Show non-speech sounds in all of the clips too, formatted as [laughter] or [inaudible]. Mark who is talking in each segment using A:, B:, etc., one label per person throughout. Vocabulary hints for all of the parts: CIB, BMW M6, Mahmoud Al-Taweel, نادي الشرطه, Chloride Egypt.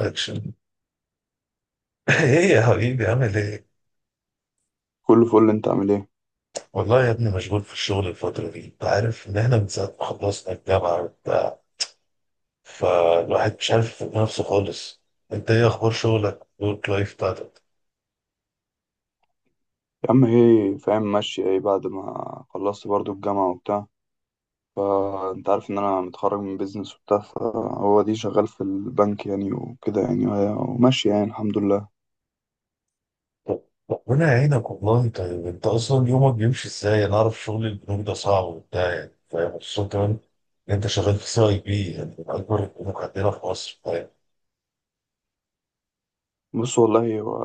A: اكشن. [laughs] ايه يا حبيبي عامل ايه؟
B: كله فل، انت عامل ايه؟
A: والله يا ابني مشغول في الشغل الفترة دي، انت عارف ان احنا من ساعة ما خلصنا الجامعة وبتاع، فالواحد مش عارف يفهم نفسه خالص، انت ايه اخبار شغلك؟ الورك لايف بتاعتك؟
B: يا عم ايه فاهم ماشي. ايه بعد ما خلصت برضو الجامعة وبتاع، فانت عارف ان انا متخرج من بيزنس وبتاع، فهو دي شغال في البنك يعني وكده يعني وماشي يعني الحمد لله.
A: طب- ربنا يعينك والله انت اصلا يومك بيمشي ازاي؟ انا اعرف شغل البنوك ده صعب وبتاع يعني، فاهم خصوصا كمان ان انت شغال في سي اي بي يعني من اكبر البنوك عندنا في مصر، فاهم؟
B: بص والله هو،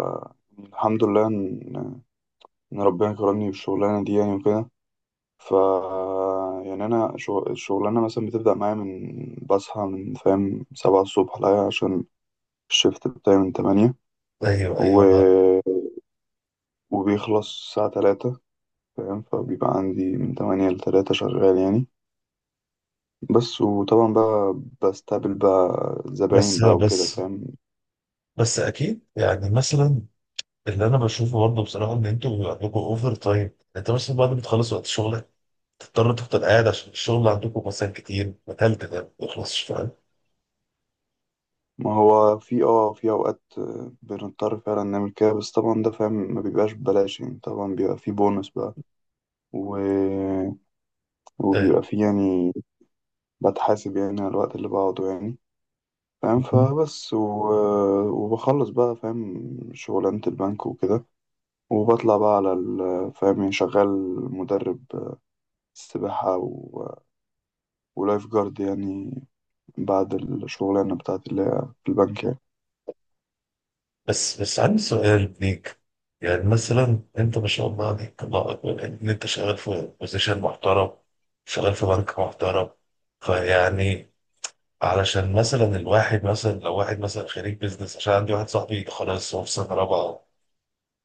B: الحمد لله ان ربنا كرمني بالشغلانة دي يعني وكده. ف يعني انا الشغلانة مثلا بتبدأ معايا من بصحى من فاهم 7 الصبح، لا عشان الشيفت بتاعي من 8.
A: ايوه
B: و...
A: ايوه.
B: وبيخلص الساعة 3 فاهم، فبيبقى عندي من 8 لتلاتة شغال يعني بس. وطبعا بقى بستقبل بقى زباين
A: بس
B: بقى وكده
A: بس
B: فاهم.
A: بس اكيد يعني مثلا اللي انا بشوفه برضه بصراحه ان انتوا بيبقى عندكم اوفر تايم، انت مثلا بعد ما تخلص وقت شغلك تضطر تفضل قاعد عشان الشغل عندكم مثلا كتير متهل تنام ما يخلصش فاهم.
B: ما هو في، في اوقات، بنضطر فعلا نعمل كده. بس طبعا ده فاهم ما بيبقاش ببلاش يعني، طبعا بيبقى في بونص بقى. و...
A: آه،
B: وبيبقى في يعني، بتحاسب يعني على الوقت اللي بقعده يعني فاهم. فبس وبخلص بقى فاهم شغلانة البنك وكده. وبطلع بقى على فاهم، يعني شغال مدرب سباحة ولايف جارد يعني، بعد الشغلانة بتاعتي اللي هي في البنك يعني.
A: بس بس عندي سؤال ليك، يعني مثلا انت ما شاء الله عليك الله اكبر يعني ان انت شغال في بوزيشن محترم، شغال في بنك محترم، فيعني علشان مثلا الواحد مثلا لو واحد مثلا خريج بيزنس، عشان عندي واحد صاحبي خلاص هو في سنه رابعه،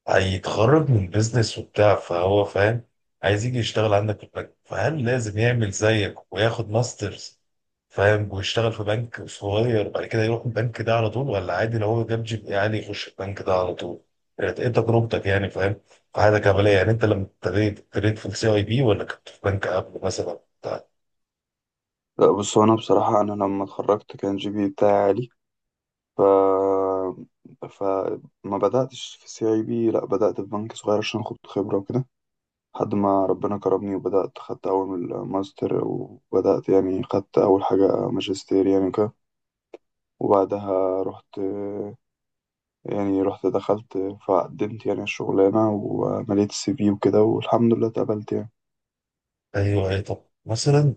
A: هيتخرج من بيزنس وبتاع فهو فاهم عايز يجي يشتغل عندك في البنك، فهل لازم يعمل زيك وياخد ماسترز فاهم ويشتغل في بنك صغير بعد كده يروح البنك ده على طول، ولا عادي لو هو جاب جي بي عالي يخش البنك ده على طول؟ ايه تجربتك يعني فاهم، في حياتك العملية يعني انت لما ابتديت في السي اي بي، ولا كنت في بنك قبل مثلا بتاع؟
B: لا بص هو، أنا بصراحة أنا لما اتخرجت كان جي بي بتاعي عالي. ف فما بدأتش في سي اي بي، لا بدأت في بنك صغير عشان أخد خبرة وكده، لحد ما ربنا كرمني وبدأت خدت أول ماستر، وبدأت يعني خدت أول حاجة ماجستير يعني وكده. وبعدها رحت، يعني رحت دخلت، فقدمت يعني الشغلانة ومليت السي في وكده، والحمد لله اتقبلت يعني.
A: ايوه اي طب مثلا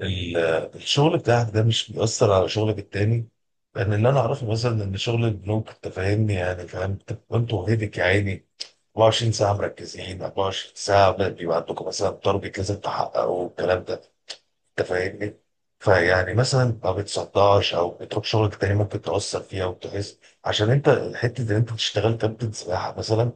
A: ال- الشغل بتاعك ده مش بيأثر على شغلك التاني؟ لأن اللي أنا أعرفه مثلا إن شغل البنوك أنت فاهمني يعني فاهم، أنت أنتوا هيدك يا عيني 24 ساعة مركزين، 24 ساعة بيبقى عندكم مثلا تارجت لازم تحققه والكلام ده، أنت فاهمني، فيعني مثلا ما بتصدعش أو بتروح شغلك التاني ممكن تأثر فيها وتحس، عشان أنت حتة إن أنت تشتغل كابتن سباحة مثلا،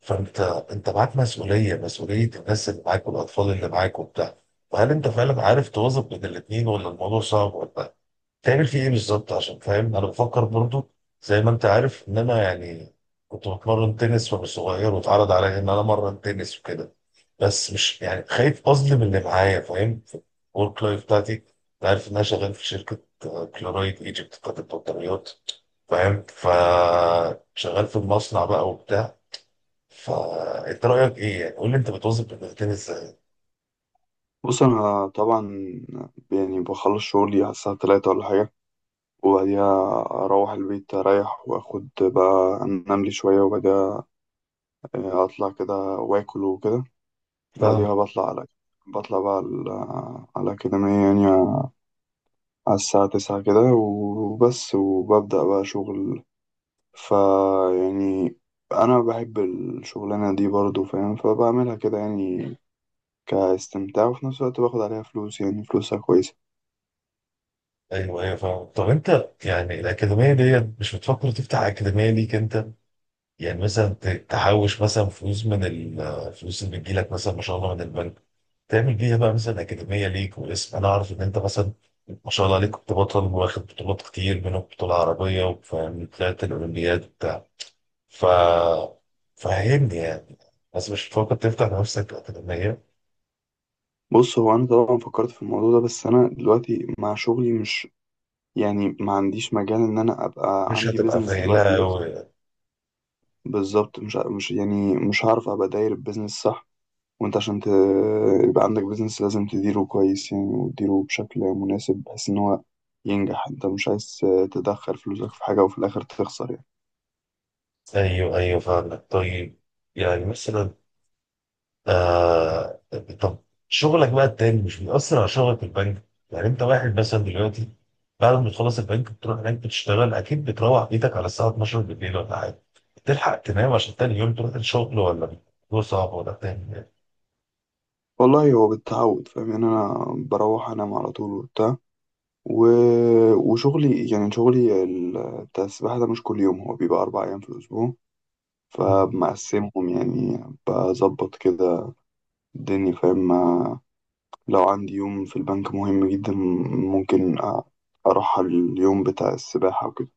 A: فانت معاك مسؤوليه الناس اللي معاك والاطفال اللي معاك وبتاع، فهل انت فعلا عارف توظف بين الاثنين، ولا الموضوع صعب، ولا تعمل فيه ايه بالظبط؟ عشان فاهم انا بفكر برضو، زي ما انت عارف ان انا يعني كنت بتمرن تنس وانا صغير، واتعرض عليا ان انا امرن تنس وكده، بس مش يعني خايف اظلم اللي معايا فاهم، في الورك لايف بتاعتي انت عارف ان انا شغال في شركه كلورايد ايجيبت بتاعت البطاريات فاهم، فشغال في المصنع بقى وبتاع، فانت رايك ايه؟ يعني قول لي انت بتوظف البلدتين ازاي؟
B: بص انا طبعا يعني بخلص شغلي على الساعه 3 ولا حاجه، وبعديها اروح البيت اريح واخد بقى انام لي شويه، وبعديها اطلع كده واكل وكده،
A: فاهم.
B: وبعديها بطلع بقى على الأكاديمية يعني، على الساعة 9 كده وبس، وببدأ بقى شغل. فا يعني أنا بحب الشغلانة دي برضو فاهم، فبعملها كده يعني كاستمتاع، وفي نفس الوقت باخد عليها فلوس، يعني فلوسها كويسة.
A: ايوه ايوه فاهم. طب انت يعني الاكاديميه ديت مش بتفكر تفتح اكاديميه ليك انت؟ يعني مثلا تحوش مثلا فلوس من الفلوس اللي بتجيلك مثلا ما شاء الله من البنك، تعمل بيها بقى مثلا اكاديميه ليك، واسم انا اعرف ان انت مثلا ما شاء الله عليك كنت بطل واخد بطولات كتير منهم بطوله عربيه وفاهم طلعت الاولمبياد وبتاع، ف فهمني يعني، بس مش بتفكر تفتح لنفسك اكاديميه؟
B: بص هو انا طبعا فكرت في الموضوع ده، بس انا دلوقتي مع شغلي مش يعني ما عنديش مجال ان انا ابقى
A: مش
B: عندي
A: هتبقى
B: بيزنس دلوقتي
A: فايلة
B: بس.
A: أوي؟
B: بالظبط، مش يعني مش هعرف ابقى داير البيزنس صح. وانت عشان يبقى عندك بيزنس لازم تديره كويس يعني، وتديره بشكل مناسب بحيث ان هو ينجح. انت مش عايز تدخل فلوسك في حاجة وفي الاخر تخسر يعني.
A: ايوه ايوه فاهمك. طيب، يعني مثلا آه طب شغلك بقى التاني مش بيأثر على شغلك في البنك؟ يعني انت واحد مثلا دلوقتي بعد ما تخلص البنك بتروح هناك بتشتغل، اكيد بتروح بيتك على الساعه 12 بالليل ولا حاجه، تلحق تنام عشان تاني يوم تروح الشغل، ولا الموضوع صعب، ولا بتعمل ايه؟
B: والله هو بالتعود فاهم يعني، انا بروح انام على طول وبتاع. و... وشغلي يعني شغلي بتاع السباحة ده مش كل يوم، هو بيبقى 4 أيام في الأسبوع،
A: مم.
B: فبمقسمهم يعني. بظبط كده الدنيا فاهم، لو عندي يوم في البنك مهم جدا ممكن أروح على اليوم بتاع السباحة وكده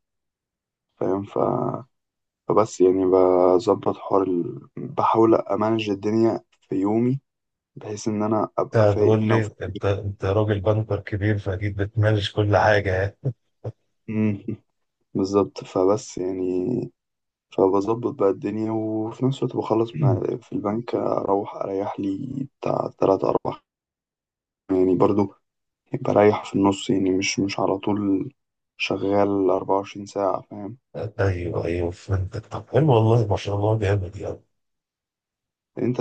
B: فاهم. فبس يعني بظبط حوار بحاول أمانج الدنيا في يومي، بحيث إن أنا
A: انت
B: أبقى فايق
A: هتقول
B: هنا
A: لي
B: وفايق.
A: انت راجل بنكر كبير فاكيد بتمانج كل حاجه يعني.
B: [laughs] بالظبط، فبس يعني فبظبط بقى الدنيا، وفي نفس الوقت بخلص مع
A: [clears throat]
B: في البنك أروح أريح لي بتاع 3 4 يعني برضو، بريح في النص يعني، مش على طول شغال 24 ساعة فاهم.
A: ايوه ايوه فهمتك. طب حلو والله ما شاء الله جامد يعني.
B: أنت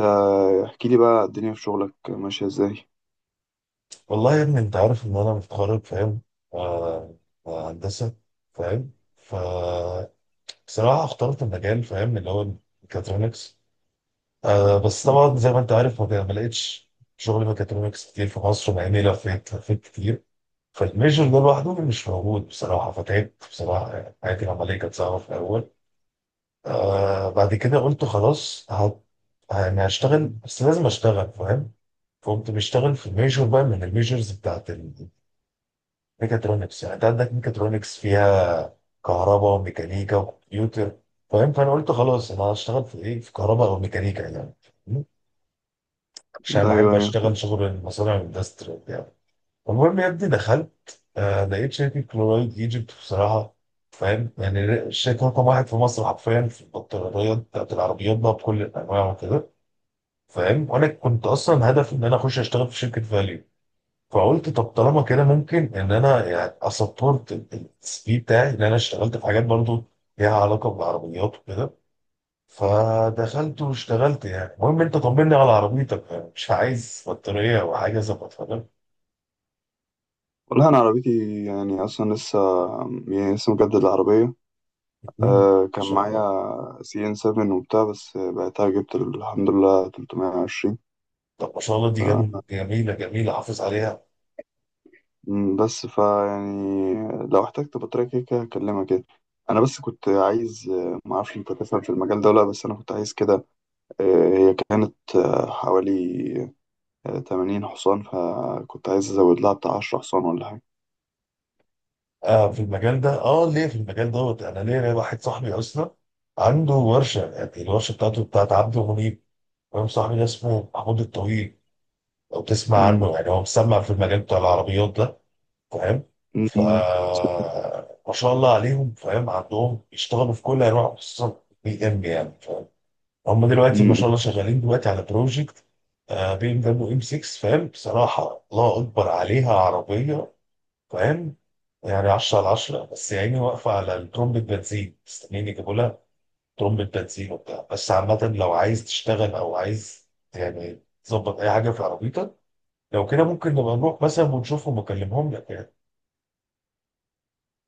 B: احكي لي بقى الدنيا في شغلك ماشية إزاي؟
A: والله يا ابني انت عارف ان انا متخرج فاهم، آه، هندسه فاهم، فبصراحه اخترت المجال فاهم اللي هو الميكاترونكس، بس طبعا زي ما انت عارف ما لقيتش شغل ميكاترونكس كتير في مصر، مع اني لفيت لفيت كتير، فالميجر ده لوحده مش موجود بصراحه، فتعبت بصراحه يعني حياتي العمليه كانت صعبه في الاول، بعد كده قلت خلاص يعني هشتغل بس لازم اشتغل فاهم، فقمت بشتغل في الميجور بقى من الميجرز بتاعت ميكاترونكس، يعني انت عندك ميكاترونكس فيها كهرباء وميكانيكا وكمبيوتر فاهم، فانا قلت خلاص انا هشتغل في ايه، في كهرباء او ميكانيكا يعني. م? عشان
B: أيوه،
A: بحب اشتغل
B: أيوه.
A: شغل المصانع الاندستري وبتاع. المهم يا ابني دخلت لقيت شركه كلورايد ايجيبت بصراحه فاهم، يعني الشركه رقم واحد في مصر حرفيا في البطاريات بتاعت العربيات بقى بكل الانواع وكده فاهم، وانا كنت اصلا هدفي ان انا اخش اشتغل في شركه فاليو، فقلت طب طالما كده ممكن ان انا يعني اسبورت السي في بتاعي ان انا اشتغلت في حاجات برضو ليها علاقه بالعربيات وكده، فدخلت واشتغلت يعني. المهم انت طمني على عربيتك، يعني مش عايز بطاريه او حاجه ظبطها لك؟
B: والله أنا عربيتي يعني أصلا لسه، يعني لسه مجدد العربية.
A: مم. ان
B: أه كان
A: شاء
B: معايا
A: الله.
B: سي إن سفن وبتاع، بس بعتها جبت الحمد لله 320.
A: طب ما شاء الله دي جميله جميله، حافظ عليها.
B: مم. بس يعني لو احتجت بطارية كده كده هكلمك كده. انا بس كنت عايز ما اعرفش انت تفهم في المجال ده ولا لأ، بس انا كنت عايز كده. هي كانت حوالي 80 حصان، فكنت عايز ازود لها بتاع 10 حصان ولا حاجة.
A: آه في المجال ده، ليه، في المجال دوت، انا ليه واحد صاحبي اصلا عنده ورشه يعني، الورشه بتاعته بتاعت عبد منيب فاهم، صاحبي ده اسمه محمود الطويل، لو تسمع
B: مم،
A: عنه يعني هو مسمع في المجال بتاع العربيات ده فاهم. ف
B: مم،
A: ما شاء الله عليهم فاهم، عندهم يشتغلوا في كل انواع خصوصا بي ام يعني فاهم، هم دلوقتي ما
B: مم.
A: شاء الله شغالين دلوقتي على بروجكت بي ام دبليو ام 6 فاهم، بصراحه الله اكبر عليها عربيه فاهم، يعني 10 على 10، بس يعني واقفه على الترمبة بنزين مستنيين يجيبوا لها ترمبة بنزين وبتاع، بس عامه لو عايز تشتغل او عايز يعني تظبط اي حاجه في عربيتك، لو كده ممكن نبقى نروح مثلا ونشوفهم ونكلمهم لك يعني.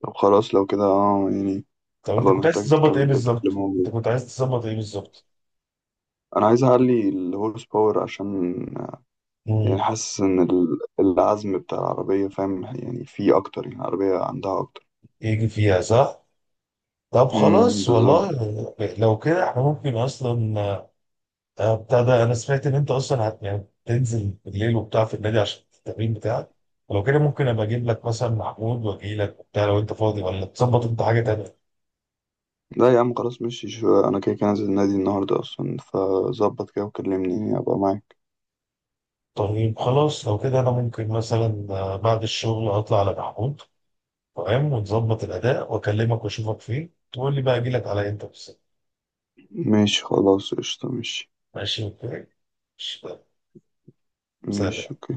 B: طب خلاص، لو كده يعني
A: طب انت
B: هبقى
A: كنت عايز
B: محتاج
A: تظبط ايه
B: تكمل اللي
A: بالظبط؟ انت
B: موجود.
A: كنت عايز تظبط ايه بالظبط؟
B: انا عايز اعلي الهورس باور، عشان آه، يعني
A: امم
B: حاسس ان العزم بتاع العربية فاهم، يعني فيه اكتر، يعني العربية عندها اكتر.
A: يجي فيها صح؟ طب
B: امم،
A: خلاص
B: بالظبط.
A: والله، لو كده احنا ممكن اصلا بتاع ده انا سمعت ان انت اصلا هت يعني تنزل بالليل وبتاع في النادي عشان التمرين بتاعك، ولو كده ممكن ابقى اجيب لك مثلا محمود واجي لك وبتاع لو انت فاضي، ولا تظبط انت حاجه تانيه؟
B: لا يا عم، خلاص ماشي. شو انا كده كده نازل النادي النهارده اصلا، فظبط كده وكلمني ابقى معاك.
A: طيب خلاص لو كده انا ممكن مثلا بعد الشغل اطلع على محمود فاهم، ونظبط الاداء واكلمك واشوفك فين تقول لي بقى اجي لك على امتى بالظبط.
B: ماشي خلاص، قشطة، ماشي.
A: ماشي اوكي، ماشي، يلا،
B: ماشي،
A: سلام.
B: اوكي.